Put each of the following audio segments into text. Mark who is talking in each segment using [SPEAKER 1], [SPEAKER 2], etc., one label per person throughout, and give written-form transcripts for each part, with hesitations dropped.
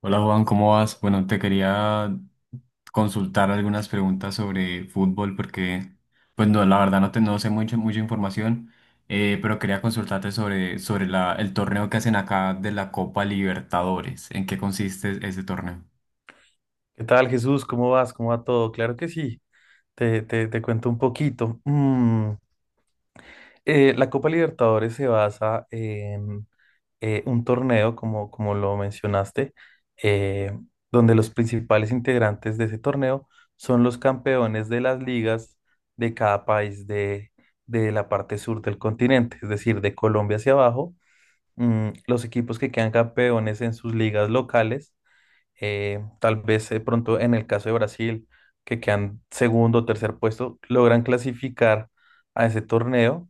[SPEAKER 1] Hola Juan, ¿cómo vas? Bueno, te quería consultar algunas preguntas sobre fútbol porque, pues no, la verdad no, no sé mucha información, pero quería consultarte sobre el torneo que hacen acá de la Copa Libertadores. ¿En qué consiste ese torneo?
[SPEAKER 2] ¿Qué tal, Jesús? ¿Cómo vas? ¿Cómo va todo? Claro que sí. Te cuento un poquito. La Copa Libertadores se basa en un torneo, como, como lo mencionaste, eh, donde los principales integrantes de ese torneo son los campeones de las ligas de cada país de la parte sur del continente, es decir, de Colombia hacia abajo. Los equipos que quedan campeones en sus ligas locales, tal vez de pronto en el caso de Brasil, que quedan segundo o tercer puesto, logran clasificar a ese torneo,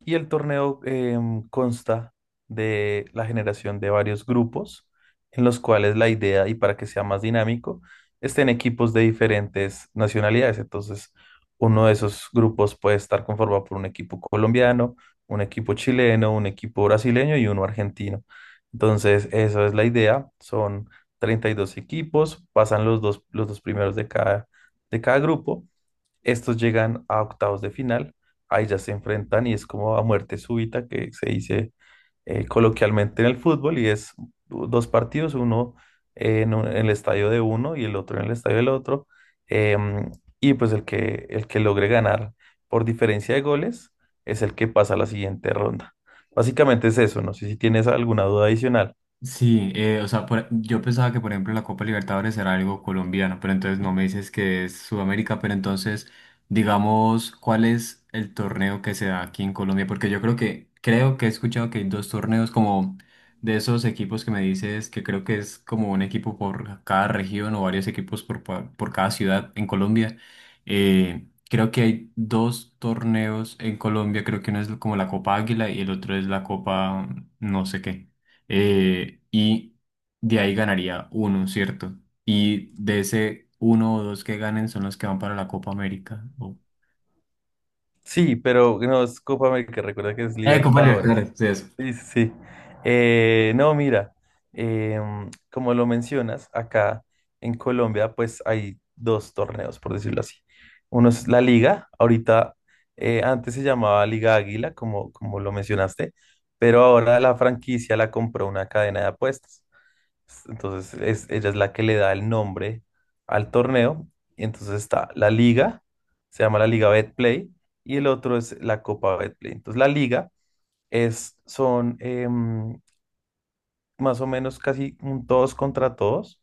[SPEAKER 2] y el torneo consta de la generación de varios grupos, en los cuales la idea, y para que sea más dinámico, estén equipos de diferentes nacionalidades. Entonces, uno de esos grupos puede estar conformado por un equipo colombiano, un equipo chileno, un equipo brasileño y uno argentino. Entonces, eso es la idea. Son 32 equipos, pasan los dos primeros de cada grupo. Estos llegan a octavos de final, ahí ya se enfrentan y es como a muerte súbita, que se dice coloquialmente en el fútbol, y es dos partidos, uno en el estadio de uno y el otro en el estadio del otro. em, y pues el el que logre ganar por diferencia de goles es el que pasa a la siguiente ronda. Básicamente es eso, no sé si tienes alguna duda adicional.
[SPEAKER 1] Sí, o sea, yo pensaba que por ejemplo la Copa Libertadores era algo colombiano, pero entonces no me dices que es Sudamérica, pero entonces digamos, ¿cuál es el torneo que se da aquí en Colombia? Porque creo que he escuchado que hay dos torneos como de esos equipos que me dices que creo que es como un equipo por cada región o varios equipos por cada ciudad en Colombia. Creo que hay dos torneos en Colombia, creo que uno es como la Copa Águila y el otro es la Copa no sé qué, y de ahí ganaría uno, ¿cierto? Y de ese uno o dos que ganen son los que van para la Copa América.
[SPEAKER 2] Sí, pero no es Copa América, recuerda que es
[SPEAKER 1] Copa
[SPEAKER 2] Libertadores.
[SPEAKER 1] Libertadores, sí, eso.
[SPEAKER 2] Sí, sí, sí. No, mira, como lo mencionas, acá en Colombia pues hay dos torneos, por decirlo así. Uno es la Liga, ahorita antes se llamaba Liga Águila, como, como lo mencionaste, pero ahora la franquicia la compró una cadena de apuestas. Entonces es, ella es la que le da el nombre al torneo. Y entonces está la Liga, se llama la Liga BetPlay, y el otro es la Copa BetPlay. Entonces la Liga es, son más o menos casi un todos contra todos,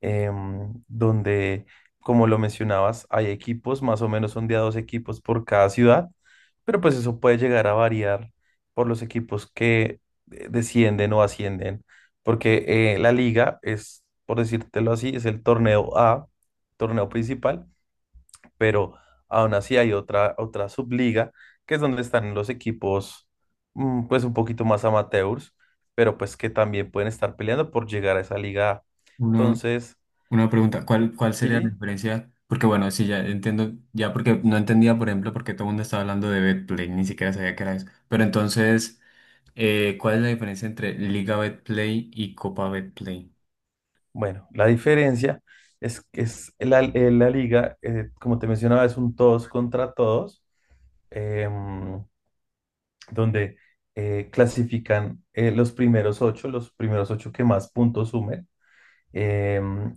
[SPEAKER 2] donde, como lo mencionabas, hay equipos, más o menos son de a dos equipos por cada ciudad, pero pues eso puede llegar a variar por los equipos que descienden o ascienden, porque la liga es, por decírtelo así, es el torneo A, torneo principal, pero aún así hay otra subliga, que es donde están los equipos pues un poquito más amateurs, pero pues que también pueden estar peleando por llegar a esa liga A.
[SPEAKER 1] Una,
[SPEAKER 2] Entonces,
[SPEAKER 1] una pregunta, ¿cuál sería la
[SPEAKER 2] sí,
[SPEAKER 1] diferencia? Porque bueno, sí, ya entiendo, ya porque no entendía, por ejemplo, porque todo el mundo estaba hablando de BetPlay, ni siquiera sabía qué era eso. Pero entonces, ¿cuál es la diferencia entre Liga BetPlay y Copa BetPlay?
[SPEAKER 2] bueno, la diferencia es que es la, la liga, como te mencionaba, es un todos contra todos, em, donde clasifican los primeros ocho que más puntos sumen. Em,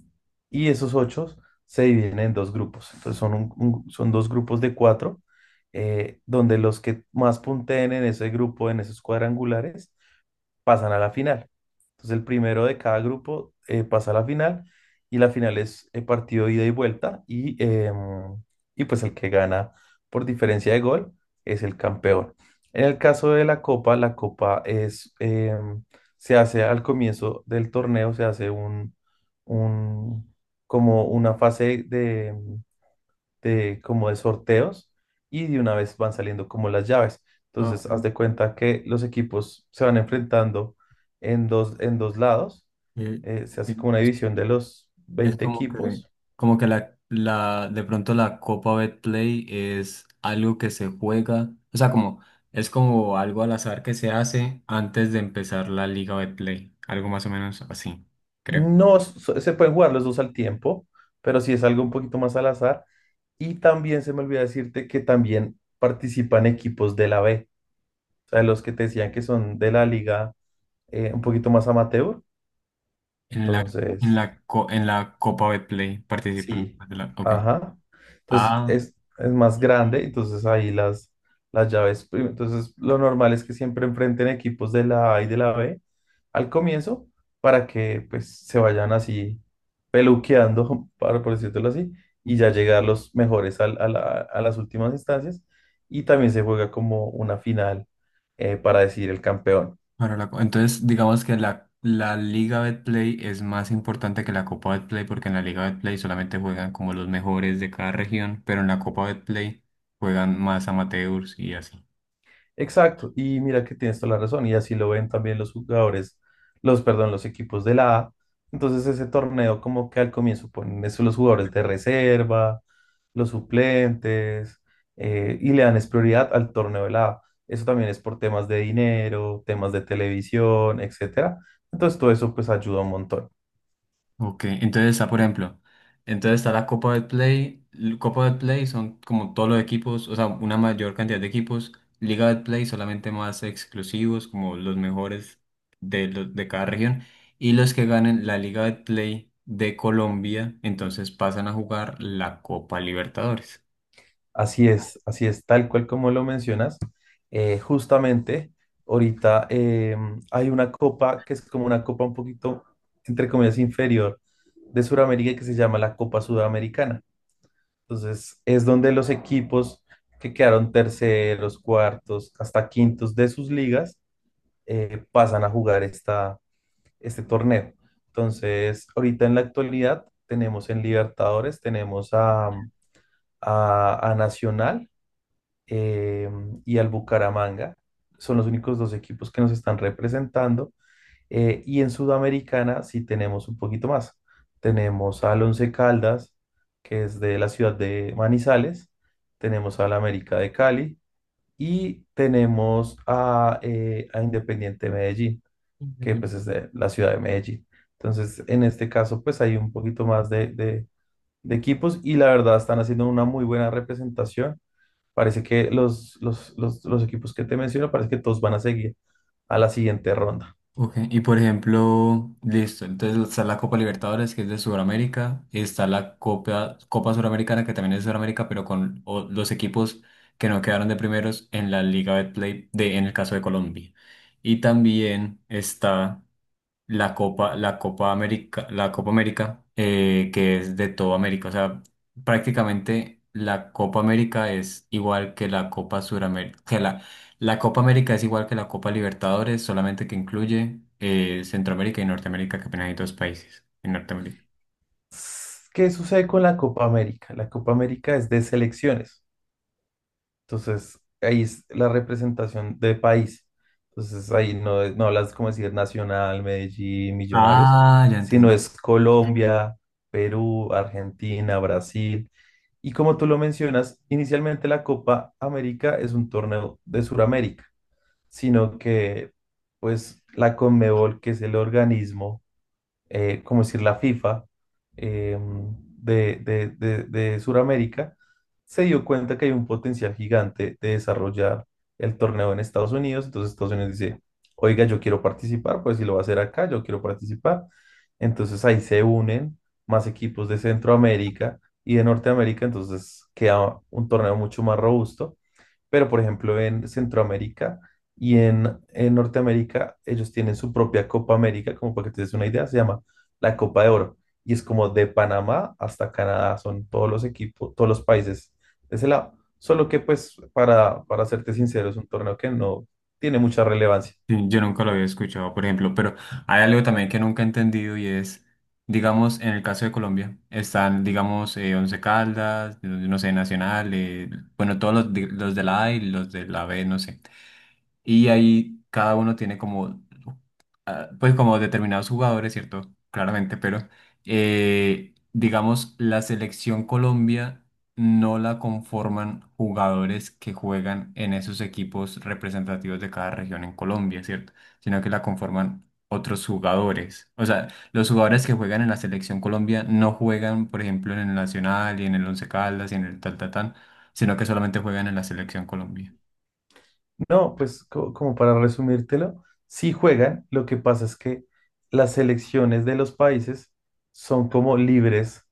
[SPEAKER 2] y esos ocho se dividen en dos grupos. Entonces son, son dos grupos de cuatro, donde los que más punteen en ese grupo, en esos cuadrangulares, pasan a la final. Entonces el primero de cada grupo pasa a la final y la final es partido ida y vuelta y pues el que gana por diferencia de gol es el campeón. En el caso de la copa es, se hace al comienzo del torneo, se hace un, como una fase de como de sorteos, y de una vez van saliendo como las llaves.
[SPEAKER 1] Ah,
[SPEAKER 2] Entonces, haz de cuenta que los equipos se van enfrentando en dos lados.
[SPEAKER 1] eh,
[SPEAKER 2] Se
[SPEAKER 1] ok.
[SPEAKER 2] hace como una división de los
[SPEAKER 1] Es
[SPEAKER 2] 20
[SPEAKER 1] como que,
[SPEAKER 2] equipos.
[SPEAKER 1] como que de pronto la Copa Betplay es algo que se juega, o sea, como, es como algo al azar que se hace antes de empezar la Liga Betplay, algo más o menos así, creo.
[SPEAKER 2] No s- so, Se pueden jugar los dos al tiempo, pero sí es algo un poquito más al azar. Y también se me olvidó decirte que también participan equipos de la B, o sea, los que te decían que son de la liga, un poquito más amateur.
[SPEAKER 1] En la, en
[SPEAKER 2] Entonces...
[SPEAKER 1] la, co- en la Copa Betplay participan.
[SPEAKER 2] Sí.
[SPEAKER 1] Pues, ok.
[SPEAKER 2] Ajá. Entonces
[SPEAKER 1] Ah.
[SPEAKER 2] es más grande, entonces ahí las llaves. Entonces lo normal es que siempre enfrenten equipos de la A y de la B al comienzo, para que pues se vayan así peluqueando, para, por decirlo así, y ya llegar los mejores a las últimas instancias. Y también se juega como una final, para decidir el campeón.
[SPEAKER 1] Entonces, digamos que la Liga Betplay es más importante que la Copa Betplay porque en la Liga Betplay solamente juegan como los mejores de cada región, pero en la Copa Betplay juegan más amateurs y así.
[SPEAKER 2] Exacto, y mira que tienes toda la razón, y así lo ven también los jugadores, los, perdón, los equipos de la A. Entonces ese torneo como que al comienzo ponen eso los jugadores de reserva, los suplentes, y le dan es prioridad al torneo de la A. Eso también es por temas de dinero, temas de televisión, etcétera. Entonces todo eso pues ayuda un montón.
[SPEAKER 1] Ok, entonces está, por ejemplo, entonces está la Copa del Play. Copa del Play son como todos los equipos, o sea, una mayor cantidad de equipos. Liga del Play solamente más exclusivos, como los mejores de cada región. Y los que ganen la Liga del Play de Colombia, entonces pasan a jugar la Copa Libertadores.
[SPEAKER 2] Así es, tal cual como lo mencionas. Justamente, ahorita hay una copa que es como una copa un poquito, entre comillas, inferior, de Sudamérica, que se llama la Copa Sudamericana. Entonces, es donde los equipos que quedaron terceros, cuartos, hasta quintos de sus ligas, pasan a jugar este torneo. Entonces, ahorita en la actualidad tenemos en Libertadores, tenemos a Nacional eh, y al Bucaramanga. Son los únicos dos equipos que nos están representando. Y en Sudamericana sí tenemos un poquito más. Tenemos al Once Caldas, que es de la ciudad de Manizales. Tenemos al América de Cali y tenemos a Independiente Medellín, que pues es de la ciudad de Medellín. Entonces, en este caso, pues hay un poquito más de equipos, y la verdad están haciendo una muy buena representación. Parece que los equipos que te menciono, parece que todos van a seguir a la siguiente ronda.
[SPEAKER 1] Ok, y por ejemplo, listo, entonces está la Copa Libertadores que es de Sudamérica, está la Copa, Copa Suramericana que también es de Sudamérica, pero con los equipos que no quedaron de primeros en la Liga Betplay de, en el caso de Colombia. Y también está la Copa América, que es de toda América. O sea, prácticamente la Copa América es igual que la Copa Suramérica, que la Copa América es igual que la Copa Libertadores, solamente que incluye Centroamérica y Norteamérica, que apenas hay dos países en Norteamérica.
[SPEAKER 2] ¿Qué sucede con la Copa América? La Copa América es de selecciones, entonces ahí es la representación de país. Entonces ahí no, no hablas como decir Nacional, Medellín, Millonarios,
[SPEAKER 1] Ah, ya.
[SPEAKER 2] sino es Colombia, Perú, Argentina, Brasil. Y como tú lo mencionas, inicialmente la Copa América es un torneo de Sudamérica, sino que pues la Conmebol, que es el organismo, como decir la FIFA de Sudamérica, se dio cuenta que hay un potencial gigante de desarrollar el torneo en Estados Unidos, entonces Estados Unidos dice, oiga, yo quiero participar, pues si lo va a hacer acá, yo quiero participar. Entonces ahí se unen más equipos de Centroamérica y de Norteamérica, entonces queda un torneo mucho más robusto. Pero, por ejemplo, en Centroamérica y en Norteamérica, ellos tienen su propia Copa América, como para que te des una idea, se llama la Copa de Oro. Y es como de Panamá hasta Canadá, son todos los equipos, todos los países de ese lado. Solo que, pues, para serte sincero, es un torneo que no tiene mucha relevancia.
[SPEAKER 1] Sí, yo nunca lo había escuchado, por ejemplo, pero hay algo también que nunca he entendido y es, digamos, en el caso de Colombia, están, digamos, Once Caldas, no, no sé, Nacional, bueno, todos los de la A y los de la B, no sé. Y ahí cada uno tiene como, ah, pues como determinados jugadores, ¿cierto? Claramente, pero digamos, la selección Colombia no la conforman jugadores que juegan en esos equipos representativos de cada región en Colombia, ¿cierto? Sino que la conforman otros jugadores. O sea, los jugadores que juegan en la selección Colombia no juegan, por ejemplo, en el Nacional y en el Once Caldas y en el tal, tal, tal, sino que solamente juegan en la selección Colombia.
[SPEAKER 2] No, pues como para resumírtelo, sí juegan, lo que pasa es que las selecciones de los países son como libres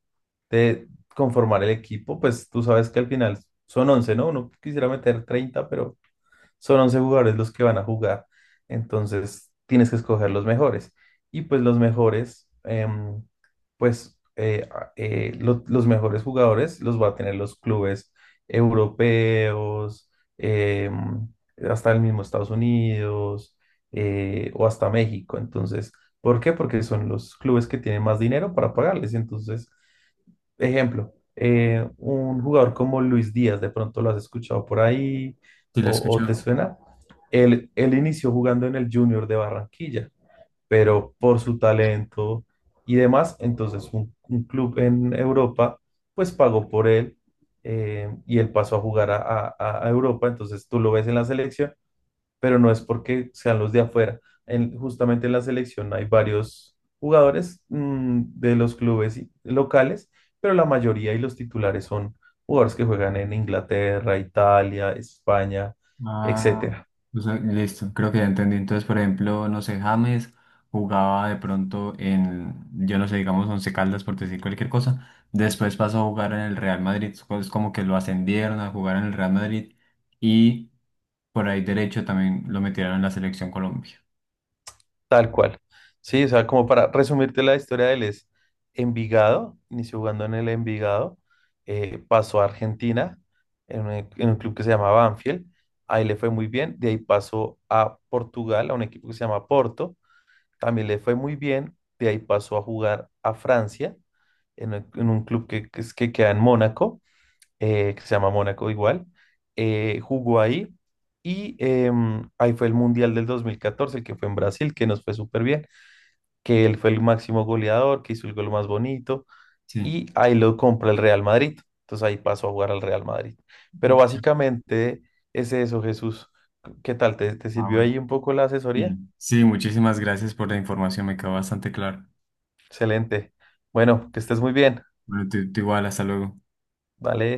[SPEAKER 2] de conformar el equipo, pues tú sabes que al final son 11, ¿no? Uno quisiera meter 30, pero son 11 jugadores los que van a jugar, entonces tienes que escoger los mejores. Y pues los mejores, los mejores jugadores los va a tener los clubes europeos, em, hasta el mismo Estados Unidos, o hasta México. Entonces, ¿por qué? Porque son los clubes que tienen más dinero para pagarles. Entonces, ejemplo, un jugador como Luis Díaz, de pronto lo has escuchado por ahí
[SPEAKER 1] Sí, lo
[SPEAKER 2] o te
[SPEAKER 1] escucho.
[SPEAKER 2] suena. Él inició jugando en el Junior de Barranquilla, pero por su talento y demás, entonces un club en Europa pues pagó por él, y él pasó a jugar a Europa, entonces tú lo ves en la selección, pero no es porque sean los de afuera. Justamente en la selección hay varios jugadores, de los clubes locales, pero la mayoría y los titulares son jugadores que juegan en Inglaterra, Italia, España,
[SPEAKER 1] Ah,
[SPEAKER 2] etcétera.
[SPEAKER 1] o sea, listo, creo que ya entendí. Entonces, por ejemplo, no sé, James jugaba de pronto en, yo no sé, digamos, Once Caldas, por decir cualquier cosa. Después pasó a jugar en el Real Madrid, es como que lo ascendieron a jugar en el Real Madrid y por ahí derecho también lo metieron en la selección Colombia.
[SPEAKER 2] Tal cual. Sí, o sea, como para resumirte, la historia de él es Envigado, inició jugando en el Envigado, pasó a Argentina, en un club que se llama Banfield, ahí le fue muy bien, de ahí pasó a Portugal, a un equipo que se llama Porto, también le fue muy bien, de ahí pasó a jugar a Francia, en un club que queda en Mónaco, que se llama Mónaco igual, jugó ahí ahí fue el Mundial del 2014, el que fue en Brasil, que nos fue súper bien, que él fue el máximo goleador, que hizo el gol más bonito, y
[SPEAKER 1] Sí.
[SPEAKER 2] ahí lo compra el Real Madrid. Entonces ahí pasó a jugar al Real Madrid. Pero
[SPEAKER 1] Mm.
[SPEAKER 2] básicamente es eso, Jesús. ¿Qué tal? Te
[SPEAKER 1] Ah,
[SPEAKER 2] sirvió ahí
[SPEAKER 1] bueno.
[SPEAKER 2] un poco la asesoría?
[SPEAKER 1] Sí, sí, muchísimas gracias por la información, me quedó bastante claro.
[SPEAKER 2] Excelente. Bueno, que estés muy bien.
[SPEAKER 1] Bueno, tú igual, hasta luego.
[SPEAKER 2] Dale.